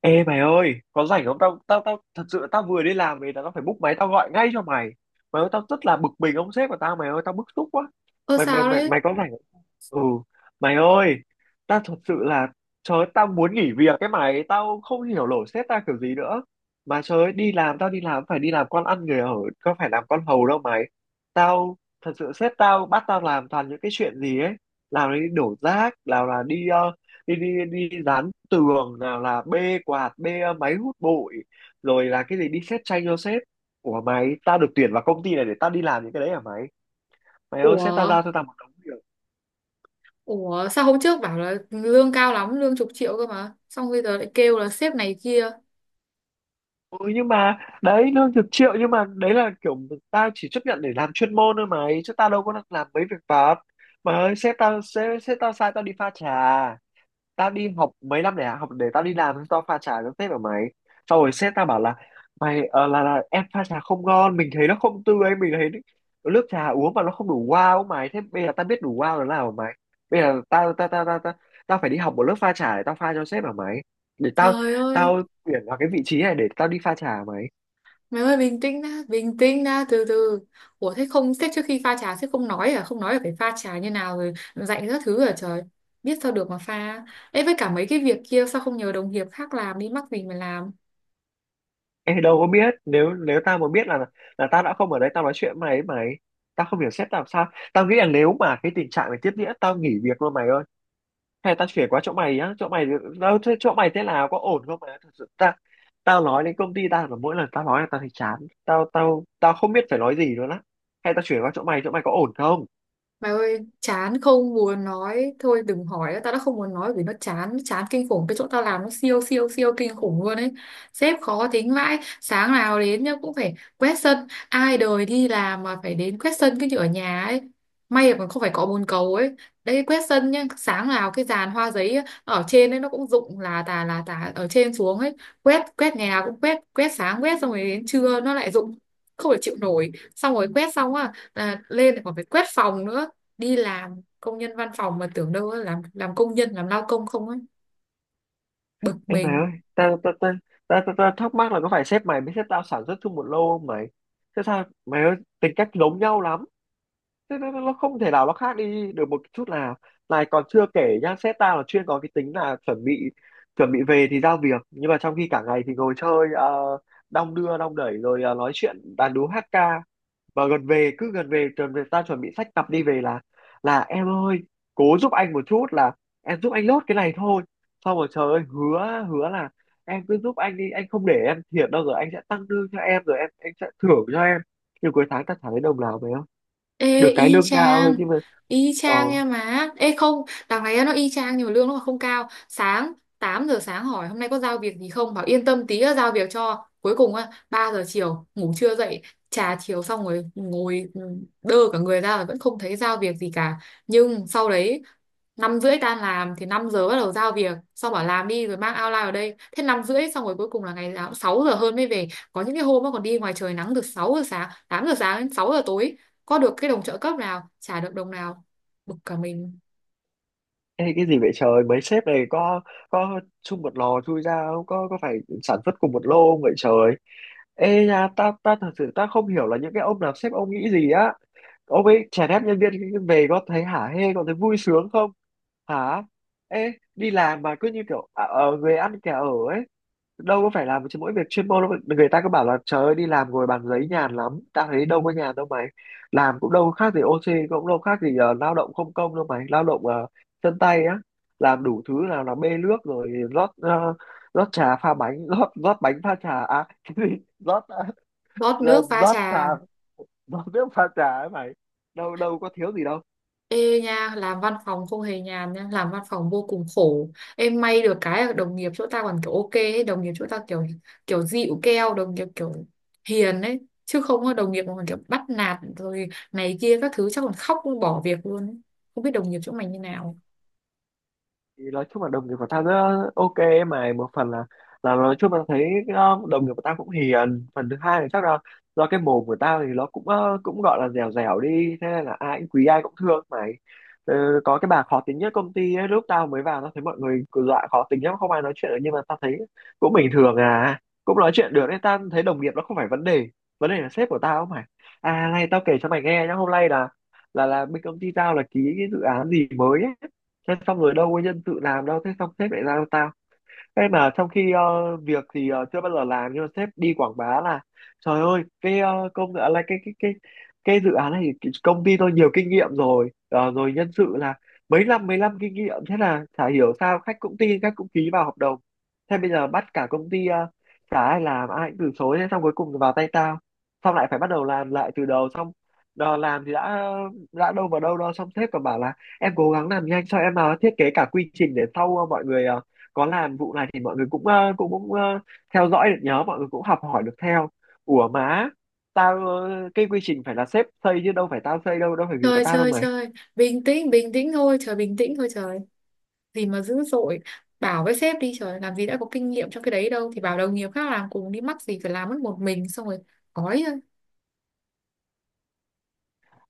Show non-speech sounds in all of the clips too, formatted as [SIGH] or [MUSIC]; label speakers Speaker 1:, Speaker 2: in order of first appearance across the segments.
Speaker 1: Ê mày ơi, có rảnh không? Tao tao tao thật sự là tao vừa đi làm về, tao phải búc máy tao gọi ngay cho mày. Mày ơi, tao rất là bực mình ông sếp của tao mày ơi, tao bức xúc quá.
Speaker 2: Ơ
Speaker 1: Mày mày
Speaker 2: sao
Speaker 1: mày
Speaker 2: đấy?
Speaker 1: mày có rảnh không? Ừ, mày ơi, tao thật sự là, trời ơi, tao muốn nghỉ việc cái mày, tao không hiểu nổi sếp tao kiểu gì nữa. Mà trời ơi, đi làm tao đi làm phải đi làm con ăn người ở, có phải làm con hầu đâu mày. Tao thật sự sếp tao bắt tao làm toàn những cái chuyện gì ấy, làm đi đổ rác, nào là đi đi đi đi dán tường, nào là bê quạt, bê máy hút bụi, rồi là cái gì đi xét tranh cho sếp. Ủa mày, tao được tuyển vào công ty này để tao đi làm những cái đấy hả mày? Mày ơi sếp tao
Speaker 2: Ủa,
Speaker 1: giao cho tao một đống việc.
Speaker 2: ủa sao hôm trước bảo là lương cao lắm, lương chục triệu cơ mà. Xong bây giờ lại kêu là sếp này kia.
Speaker 1: Ừ nhưng mà đấy lương chục triệu nhưng mà đấy là kiểu tao chỉ chấp nhận để làm chuyên môn thôi mày, chứ tao đâu có làm mấy việc vặt. Mà ơi sếp tao, sếp tao sai tao đi pha trà. Tao đi học mấy năm để học, để tao đi làm tao pha trà nó phết ở mày. Sau rồi sếp tao bảo là mày là em pha trà không ngon, mình thấy nó không tươi, mình thấy nước trà uống mà nó không đủ wow ấy mày. Thế bây giờ tao biết đủ wow là nào hả mày? Bây giờ tao tao tao tao tao, tao phải đi học một lớp pha trà để tao pha cho sếp hả mày? Để tao,
Speaker 2: Trời ơi,
Speaker 1: tao tuyển vào cái vị trí này để tao đi pha trà hả mày?
Speaker 2: mày ơi bình tĩnh đã, từ từ. Ủa thế không, sếp trước khi pha trà sếp không nói à? Không nói là phải pha trà như nào rồi dạy các thứ à trời. Biết sao được mà pha. Ê với cả mấy cái việc kia sao không nhờ đồng nghiệp khác làm đi, mắc mình mà làm.
Speaker 1: Em đâu có biết, nếu nếu tao mà biết là tao đã không ở đây tao nói chuyện với mày ấy mày. Tao không hiểu sếp tao làm sao. Tao nghĩ là nếu mà cái tình trạng này tiếp diễn tao nghỉ việc luôn mày ơi. Hay tao chuyển qua chỗ mày á, chỗ mày đâu thế, chỗ mày thế nào, có ổn không mày? Thật sự ta, tao nói đến công ty tao là mỗi lần tao nói là tao thấy chán. Tao tao tao không biết phải nói gì nữa á. Hay tao chuyển qua chỗ mày, chỗ mày có ổn không?
Speaker 2: Mày ơi, chán không muốn nói, thôi đừng hỏi nữa, tao đã không muốn nói vì nó chán, chán kinh khủng. Cái chỗ tao làm nó siêu siêu siêu kinh khủng luôn ấy. Sếp khó tính vãi. Sáng nào đến nhá cũng phải quét sân. Ai đời đi làm mà phải đến quét sân, cái như ở nhà ấy. May mà còn không phải cọ bồn cầu ấy. Đây quét sân nhá, sáng nào cái dàn hoa giấy á, ở trên ấy nó cũng rụng là tà ở trên xuống ấy. Quét, quét ngày nào cũng quét, quét sáng quét, xong rồi đến trưa nó lại rụng, không thể chịu nổi. Xong rồi quét xong á là lên lại còn phải quét phòng nữa. Đi làm công nhân văn phòng mà tưởng đâu á, làm công nhân làm lao công không ấy. Bực
Speaker 1: Em mày ơi,
Speaker 2: mình.
Speaker 1: tao tao tao tao ta, ta, thắc mắc là có phải sếp mày với sếp tao sản xuất chung một lô không mày? Thế sao mày ơi, tính cách giống nhau lắm, thế nó nó không thể nào nó khác đi được một chút nào. Này còn chưa kể nhá, sếp ta là chuyên có cái tính là chuẩn bị về thì giao việc, nhưng mà trong khi cả ngày thì ngồi chơi, uh, đong đưa đong đẩy, rồi nói chuyện đàn đúm hát ca. Và gần về, cứ gần về ta chuẩn bị xách cặp đi về là em ơi, cố giúp anh một chút, là em giúp anh lốt cái này thôi. Xong rồi trời ơi, hứa hứa là em cứ giúp anh đi, anh không để em thiệt đâu, rồi anh sẽ tăng lương cho em, rồi em anh sẽ thưởng cho em. Nhưng cuối tháng ta chẳng thấy đồng nào về, được
Speaker 2: Ê
Speaker 1: cái
Speaker 2: y
Speaker 1: lương cao thôi
Speaker 2: chang.
Speaker 1: nhưng mà
Speaker 2: Y
Speaker 1: ờ
Speaker 2: chang nha má. Ê không, đằng này nó y chang nhưng mà lương nó không cao. 8 giờ sáng hỏi hôm nay có giao việc gì không, bảo yên tâm tí đã giao việc cho. Cuối cùng á 3 giờ chiều ngủ chưa dậy. Trà chiều xong rồi ngồi đơ cả người ra là vẫn không thấy giao việc gì cả. Nhưng sau đấy 5 rưỡi tan làm thì 5 giờ bắt đầu giao việc, xong bảo làm đi rồi mang outline vào đây. Thế 5 rưỡi xong rồi cuối cùng là ngày nào cũng 6 giờ hơn mới về. Có những cái hôm nó còn đi ngoài trời nắng từ 6 giờ sáng, 8 giờ sáng đến 6 giờ tối, có được cái đồng trợ cấp nào, trả được đồng nào. Bực cả mình.
Speaker 1: ê, cái gì vậy trời, mấy sếp này có chung một lò chui ra không, có có phải sản xuất cùng một lô không vậy trời? Ê nha, ta ta thật sự ta không hiểu là những cái ông làm sếp ông nghĩ gì á. Ông ấy chèn ép nhân viên về có thấy hả hê, có thấy vui sướng không hả? Ê đi làm mà cứ như kiểu người ăn kẻ ở ấy, đâu có phải làm chứ mỗi việc chuyên môn đâu mà- người ta cứ bảo là trời ơi đi làm ngồi bàn giấy nhàn lắm, tao thấy đâu có nhàn đâu mày. Làm cũng đâu khác gì OC, cũng đâu khác gì lao động không công đâu mày, lao động chân tay á, làm đủ thứ, nào là bê nước, rồi rót rót trà pha bánh [LAUGHS] rót rót bánh pha trà, à cái gì, rót
Speaker 2: Rót nước
Speaker 1: rót
Speaker 2: pha
Speaker 1: rót trà,
Speaker 2: trà.
Speaker 1: rót nước pha trà ấy mày, đâu đâu có thiếu gì đâu.
Speaker 2: Ê nha, làm văn phòng không hề nhàn nha, làm văn phòng vô cùng khổ. Em may được cái là đồng nghiệp chỗ ta còn kiểu ok ấy. Đồng nghiệp chỗ ta kiểu kiểu dịu keo, đồng nghiệp kiểu hiền ấy, chứ không có đồng nghiệp mà còn kiểu bắt nạt rồi này kia các thứ chắc còn khóc bỏ việc luôn ấy. Không biết đồng nghiệp chỗ mày như nào.
Speaker 1: Thì nói chung là đồng nghiệp của tao rất ok ấy mà, một phần là nói chung là thấy đồng nghiệp của tao cũng hiền, phần thứ hai là chắc là do cái mồm của tao thì nó cũng cũng gọi là dẻo dẻo đi, thế nên là ai cũng quý ai cũng thương mày. Ờ, có cái bà khó tính nhất công ty ấy, lúc tao mới vào tao thấy mọi người cứ dọa khó tính lắm không ai nói chuyện được, nhưng mà tao thấy cũng bình thường à, cũng nói chuyện được, nên tao thấy đồng nghiệp nó không phải vấn đề. Vấn đề là sếp của tao mày. À này tao kể cho mày nghe nhá, hôm nay là, là bên công ty tao là ký cái dự án gì mới ấy. Thế xong rồi đâu có nhân sự làm đâu, thế xong sếp lại giao ta. Thế mà trong khi việc thì chưa bao giờ làm, nhưng mà sếp đi quảng bá là trời ơi cái công dự án, là cái cái dự án này thì cái công ty tôi nhiều kinh nghiệm rồi. Ờ, rồi nhân sự là mấy năm kinh nghiệm. Thế là chả hiểu sao khách cũng tin, khách cũng ký vào hợp đồng. Thế bây giờ bắt cả công ty chả ai làm, ai cũng từ chối, thế xong cuối cùng vào tay tao. Xong lại phải bắt đầu làm lại từ đầu. Xong đò làm thì đã đâu vào đâu đó, xong sếp còn bảo là em cố gắng làm nhanh cho em, thiết kế cả quy trình để sau mọi người có làm vụ này thì mọi người cũng cũng cũng ờ, theo dõi được, nhớ mọi người cũng học hỏi được theo. Ủa má, tao cái quy trình phải là sếp xây chứ đâu phải tao xây đâu, đâu phải việc của
Speaker 2: Chơi
Speaker 1: tao đâu
Speaker 2: chơi
Speaker 1: mà.
Speaker 2: chơi, bình tĩnh thôi trời, bình tĩnh thôi trời, gì mà dữ dội. Bảo với sếp đi trời, làm gì đã có kinh nghiệm trong cái đấy đâu, thì bảo đồng nghiệp khác làm cùng đi, mắc gì phải làm mất một mình xong rồi gói thôi.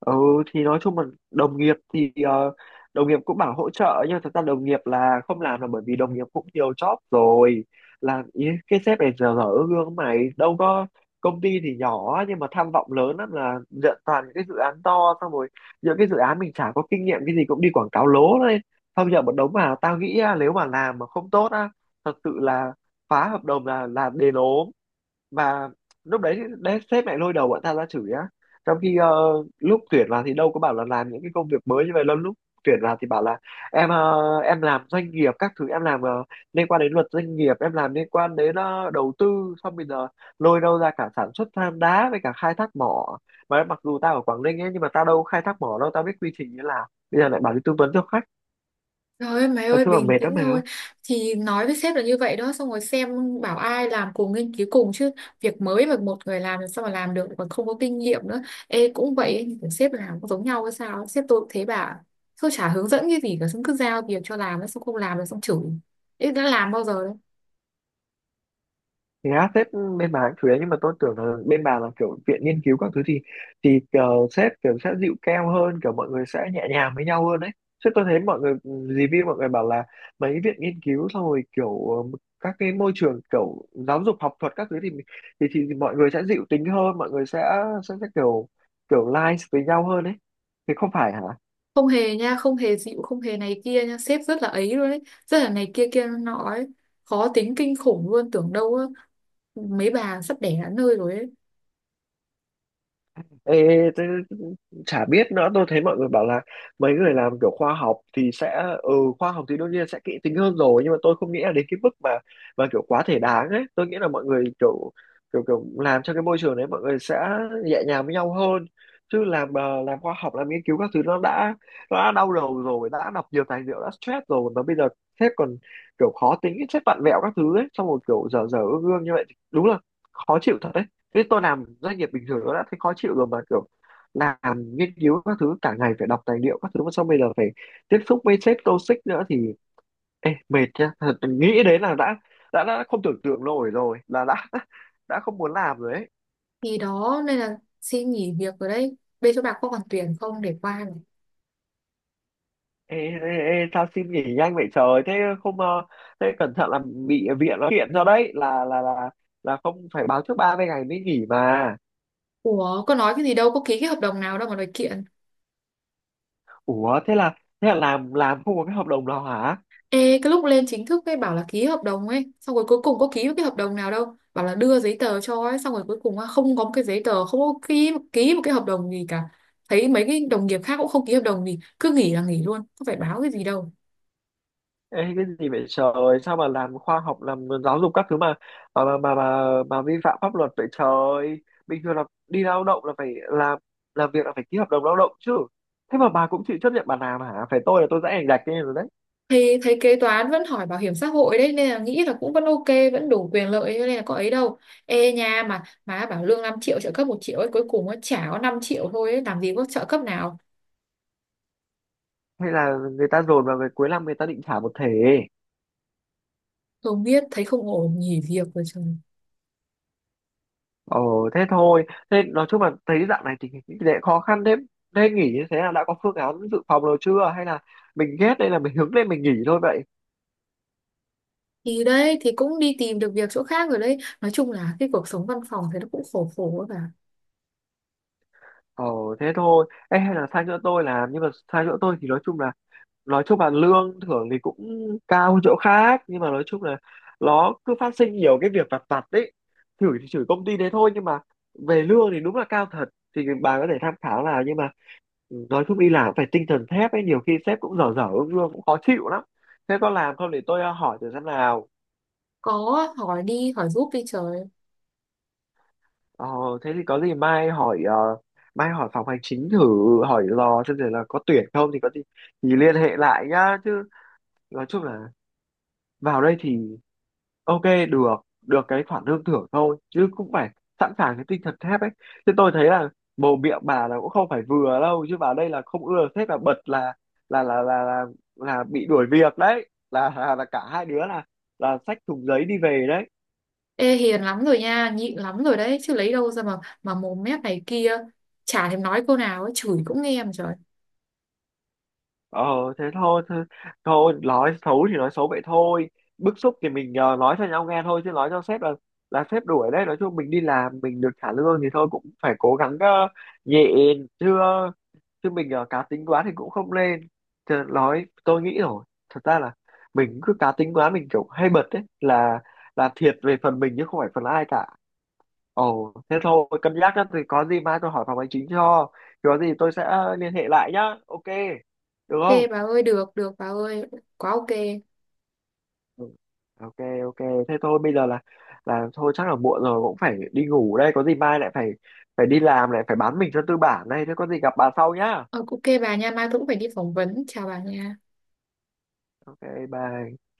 Speaker 1: Ừ, thì nói chung là đồng nghiệp thì đồng nghiệp cũng bảo hỗ trợ nhưng mà thật ra đồng nghiệp là không làm là bởi vì đồng nghiệp cũng nhiều job rồi. Là ý, cái sếp này giờ dở gương mày đâu có, công ty thì nhỏ nhưng mà tham vọng lớn lắm, là nhận toàn những cái dự án to, xong rồi những cái dự án mình chả có kinh nghiệm cái gì cũng đi quảng cáo lố lên. Xong giờ một đống, mà tao nghĩ á, nếu mà làm mà không tốt á, thật sự là phá hợp đồng là đền ốm. Và lúc đấy đấy sếp lại lôi đầu bọn tao ra chửi á. Trong khi lúc tuyển vào thì đâu có bảo là làm những cái công việc mới như vậy đâu. Lúc tuyển vào thì bảo là em em làm doanh nghiệp các thứ, em làm liên quan đến luật doanh nghiệp, em làm liên quan đến đầu tư. Xong bây giờ lôi đâu ra cả sản xuất than đá với cả khai thác mỏ. Mà mặc dù tao ở Quảng Ninh ấy nhưng mà tao đâu có khai thác mỏ đâu, tao biết quy trình như, là bây giờ lại bảo đi tư vấn cho khách,
Speaker 2: Trời ơi mày
Speaker 1: là
Speaker 2: ơi
Speaker 1: chung là
Speaker 2: bình
Speaker 1: mệt
Speaker 2: tĩnh
Speaker 1: lắm mày ơi.
Speaker 2: thôi. Thì nói với sếp là như vậy đó xong rồi xem, bảo ai làm cùng nghiên cứu cùng chứ, việc mới mà một người làm sao mà làm được, còn không có kinh nghiệm nữa. Ê cũng vậy ấy, nhưng mà sếp làm cũng giống nhau hay sao ấy. Sếp tôi cũng thế bà, tôi chả hướng dẫn cái gì cả, xong cứ giao việc cho làm, xong không làm là xong chửi. Ê đã làm bao giờ.
Speaker 1: Thì á, sếp bên bà cũng thứ, nhưng mà tôi tưởng là bên bà là kiểu viện nghiên cứu các thứ thì kiểu sếp kiểu sẽ dịu keo hơn, kiểu mọi người sẽ nhẹ nhàng với nhau hơn đấy chứ. Tôi thấy mọi người review mọi người bảo là mấy viện nghiên cứu xong rồi kiểu các cái môi trường kiểu giáo dục học thuật các thứ thì thì mọi người sẽ dịu tính hơn, mọi người sẽ kiểu kiểu nice với nhau hơn đấy. Thì không phải hả?
Speaker 2: Không hề nha, không hề dịu, không hề này kia nha, sếp rất là ấy luôn ấy, rất là này kia kia nọ ấy, khó tính kinh khủng luôn, tưởng đâu á, mấy bà sắp đẻ đến nơi rồi ấy.
Speaker 1: Ê, thế, chả biết nữa, tôi thấy mọi người bảo là mấy người làm kiểu khoa học thì sẽ, ừ, khoa học thì đương nhiên sẽ kỹ tính hơn rồi, nhưng mà tôi không nghĩ là đến cái mức mà kiểu quá thể đáng ấy. Tôi nghĩ là mọi người kiểu, kiểu làm cho cái môi trường đấy mọi người sẽ nhẹ nhàng với nhau hơn. Chứ làm làm khoa học làm nghiên cứu các thứ nó đã, nó đã đau đầu rồi, đã đọc nhiều tài liệu, đã stress rồi mà bây giờ sếp còn kiểu khó tính, sếp vặn vẹo các thứ ấy, xong rồi kiểu dở dở ương ương như vậy thì đúng là khó chịu thật. Thế tôi làm doanh nghiệp bình thường nó đã thấy khó chịu rồi, mà kiểu làm nghiên cứu các thứ cả ngày phải đọc tài liệu các thứ, mà xong bây giờ phải tiếp xúc với sếp toxic nữa thì ê, mệt nhá, thật, nghĩ đến là đã đã không tưởng tượng nổi rồi, là đã [LAUGHS] đã không muốn làm rồi ấy.
Speaker 2: Thì đó nên là xin nghỉ việc rồi đấy, bên chỗ bà có còn tuyển không để qua này.
Speaker 1: Ê, ê, ê, sao xin nghỉ nhanh vậy trời? Thế không thế cẩn thận là bị viện nó kiện cho đấy, là là không phải báo trước 30 ngày mới nghỉ mà.
Speaker 2: Ủa có nói cái gì đâu, có ký cái hợp đồng nào đâu mà đòi kiện.
Speaker 1: Ủa thế là làm, không có cái hợp đồng nào hả?
Speaker 2: Ê, cái lúc lên chính thức ấy bảo là ký hợp đồng ấy, xong rồi cuối cùng có ký cái hợp đồng nào đâu, bảo là đưa giấy tờ cho ấy, xong rồi cuối cùng á, không có một cái giấy tờ, không có ký, một cái hợp đồng gì cả. Thấy mấy cái đồng nghiệp khác cũng không ký hợp đồng gì, cứ nghỉ là nghỉ luôn, không phải báo cái gì đâu.
Speaker 1: Ê, cái gì vậy trời, sao mà làm khoa học, làm giáo dục các thứ mà mà mà, vi phạm pháp luật vậy trời? Bình thường là đi lao động là phải làm việc là phải ký hợp đồng lao động chứ. Thế mà bà cũng chịu chấp nhận bà làm hả? Phải tôi là tôi sẽ ảnh gạch lên rồi đấy.
Speaker 2: Thì thấy kế toán vẫn hỏi bảo hiểm xã hội đấy nên là nghĩ là cũng vẫn ok, vẫn đủ quyền lợi cho nên là có ấy đâu. Ê nha mà má bảo lương 5 triệu trợ cấp 1 triệu ấy, cuối cùng nó chả có, 5 triệu thôi ấy, làm gì có trợ cấp nào.
Speaker 1: Hay là người ta dồn vào người cuối năm, người ta định trả một thể.
Speaker 2: Không biết, thấy không ổn nghỉ việc rồi trời.
Speaker 1: Ồ thế thôi, thế nói chung là thấy dạo này tình hình kinh khó khăn thế, thế nghỉ như thế là đã có phương án dự phòng rồi chưa, hay là mình ghét đây là mình hướng lên mình nghỉ thôi vậy?
Speaker 2: Thì đấy thì cũng đi tìm được việc chỗ khác rồi đấy, nói chung là cái cuộc sống văn phòng thì nó cũng khổ khổ cả.
Speaker 1: Ờ, thế thôi, ê, hay là sang chỗ tôi làm? Nhưng mà sang chỗ tôi thì nói chung là lương thưởng thì cũng cao hơn chỗ khác, nhưng mà nói chung là nó cứ phát sinh nhiều cái việc vặt vặt đấy. Chửi thì chửi công ty đấy thôi, nhưng mà về lương thì đúng là cao thật, thì bà có thể tham khảo. Là nhưng mà nói chung đi làm phải tinh thần thép ấy, nhiều khi sếp cũng dở dở, lương cũng khó chịu lắm. Thế có làm không để tôi hỏi thử xem nào?
Speaker 2: Có. Hỏi đi, hỏi giúp đi trời.
Speaker 1: Ờ, thế thì có gì mai hỏi, mai hỏi phòng hành chính thử, hỏi lò xem rồi là có tuyển không, thì có gì thì liên hệ lại nhá. Chứ nói chung là vào đây thì ok, được được cái khoản lương thưởng thôi, chứ cũng phải sẵn sàng cái tinh thần thép ấy. Chứ tôi thấy là mồm miệng bà là cũng không phải vừa đâu, chứ vào đây là không ưa sếp là bật, là là là là, là bị đuổi việc đấy, là cả hai đứa là xách thùng giấy đi về đấy.
Speaker 2: Ê hiền lắm rồi nha, nhịn lắm rồi đấy, chứ lấy đâu ra mà mồm mép này kia, chả thèm nói câu nào ấy, chửi cũng nghe mà trời.
Speaker 1: Ờ thế thôi, thôi nói xấu thì nói xấu vậy thôi, bức xúc thì mình nói cho nhau nghe thôi, chứ nói cho sếp là sếp đuổi đấy. Nói chung mình đi làm mình được trả lương thì thôi, cũng phải cố gắng nhẹ, chứ chứ mình cá tính quá thì cũng không lên. Chứ nói tôi nghĩ rồi, thật ra là mình cứ cá tính quá, mình kiểu hay bật đấy là thiệt về phần mình chứ không phải phần ai cả. Ồ thế thôi, cân nhắc đó, thì có gì mai tôi hỏi phòng hành chính cho, thì có gì tôi sẽ liên hệ lại nhá. Ok được
Speaker 2: Ok
Speaker 1: không?
Speaker 2: bà ơi, được được bà ơi, quá ok.
Speaker 1: Ừ. Ok. Ok, thế thôi bây giờ là thôi chắc là muộn rồi, cũng phải đi ngủ đây, có gì mai lại phải phải đi làm, lại phải bán mình cho tư bản đây. Thế có gì gặp bà sau nhá.
Speaker 2: Ờ, ok bà nha, mai tôi cũng phải đi phỏng vấn, chào bà nha.
Speaker 1: Ok, bye.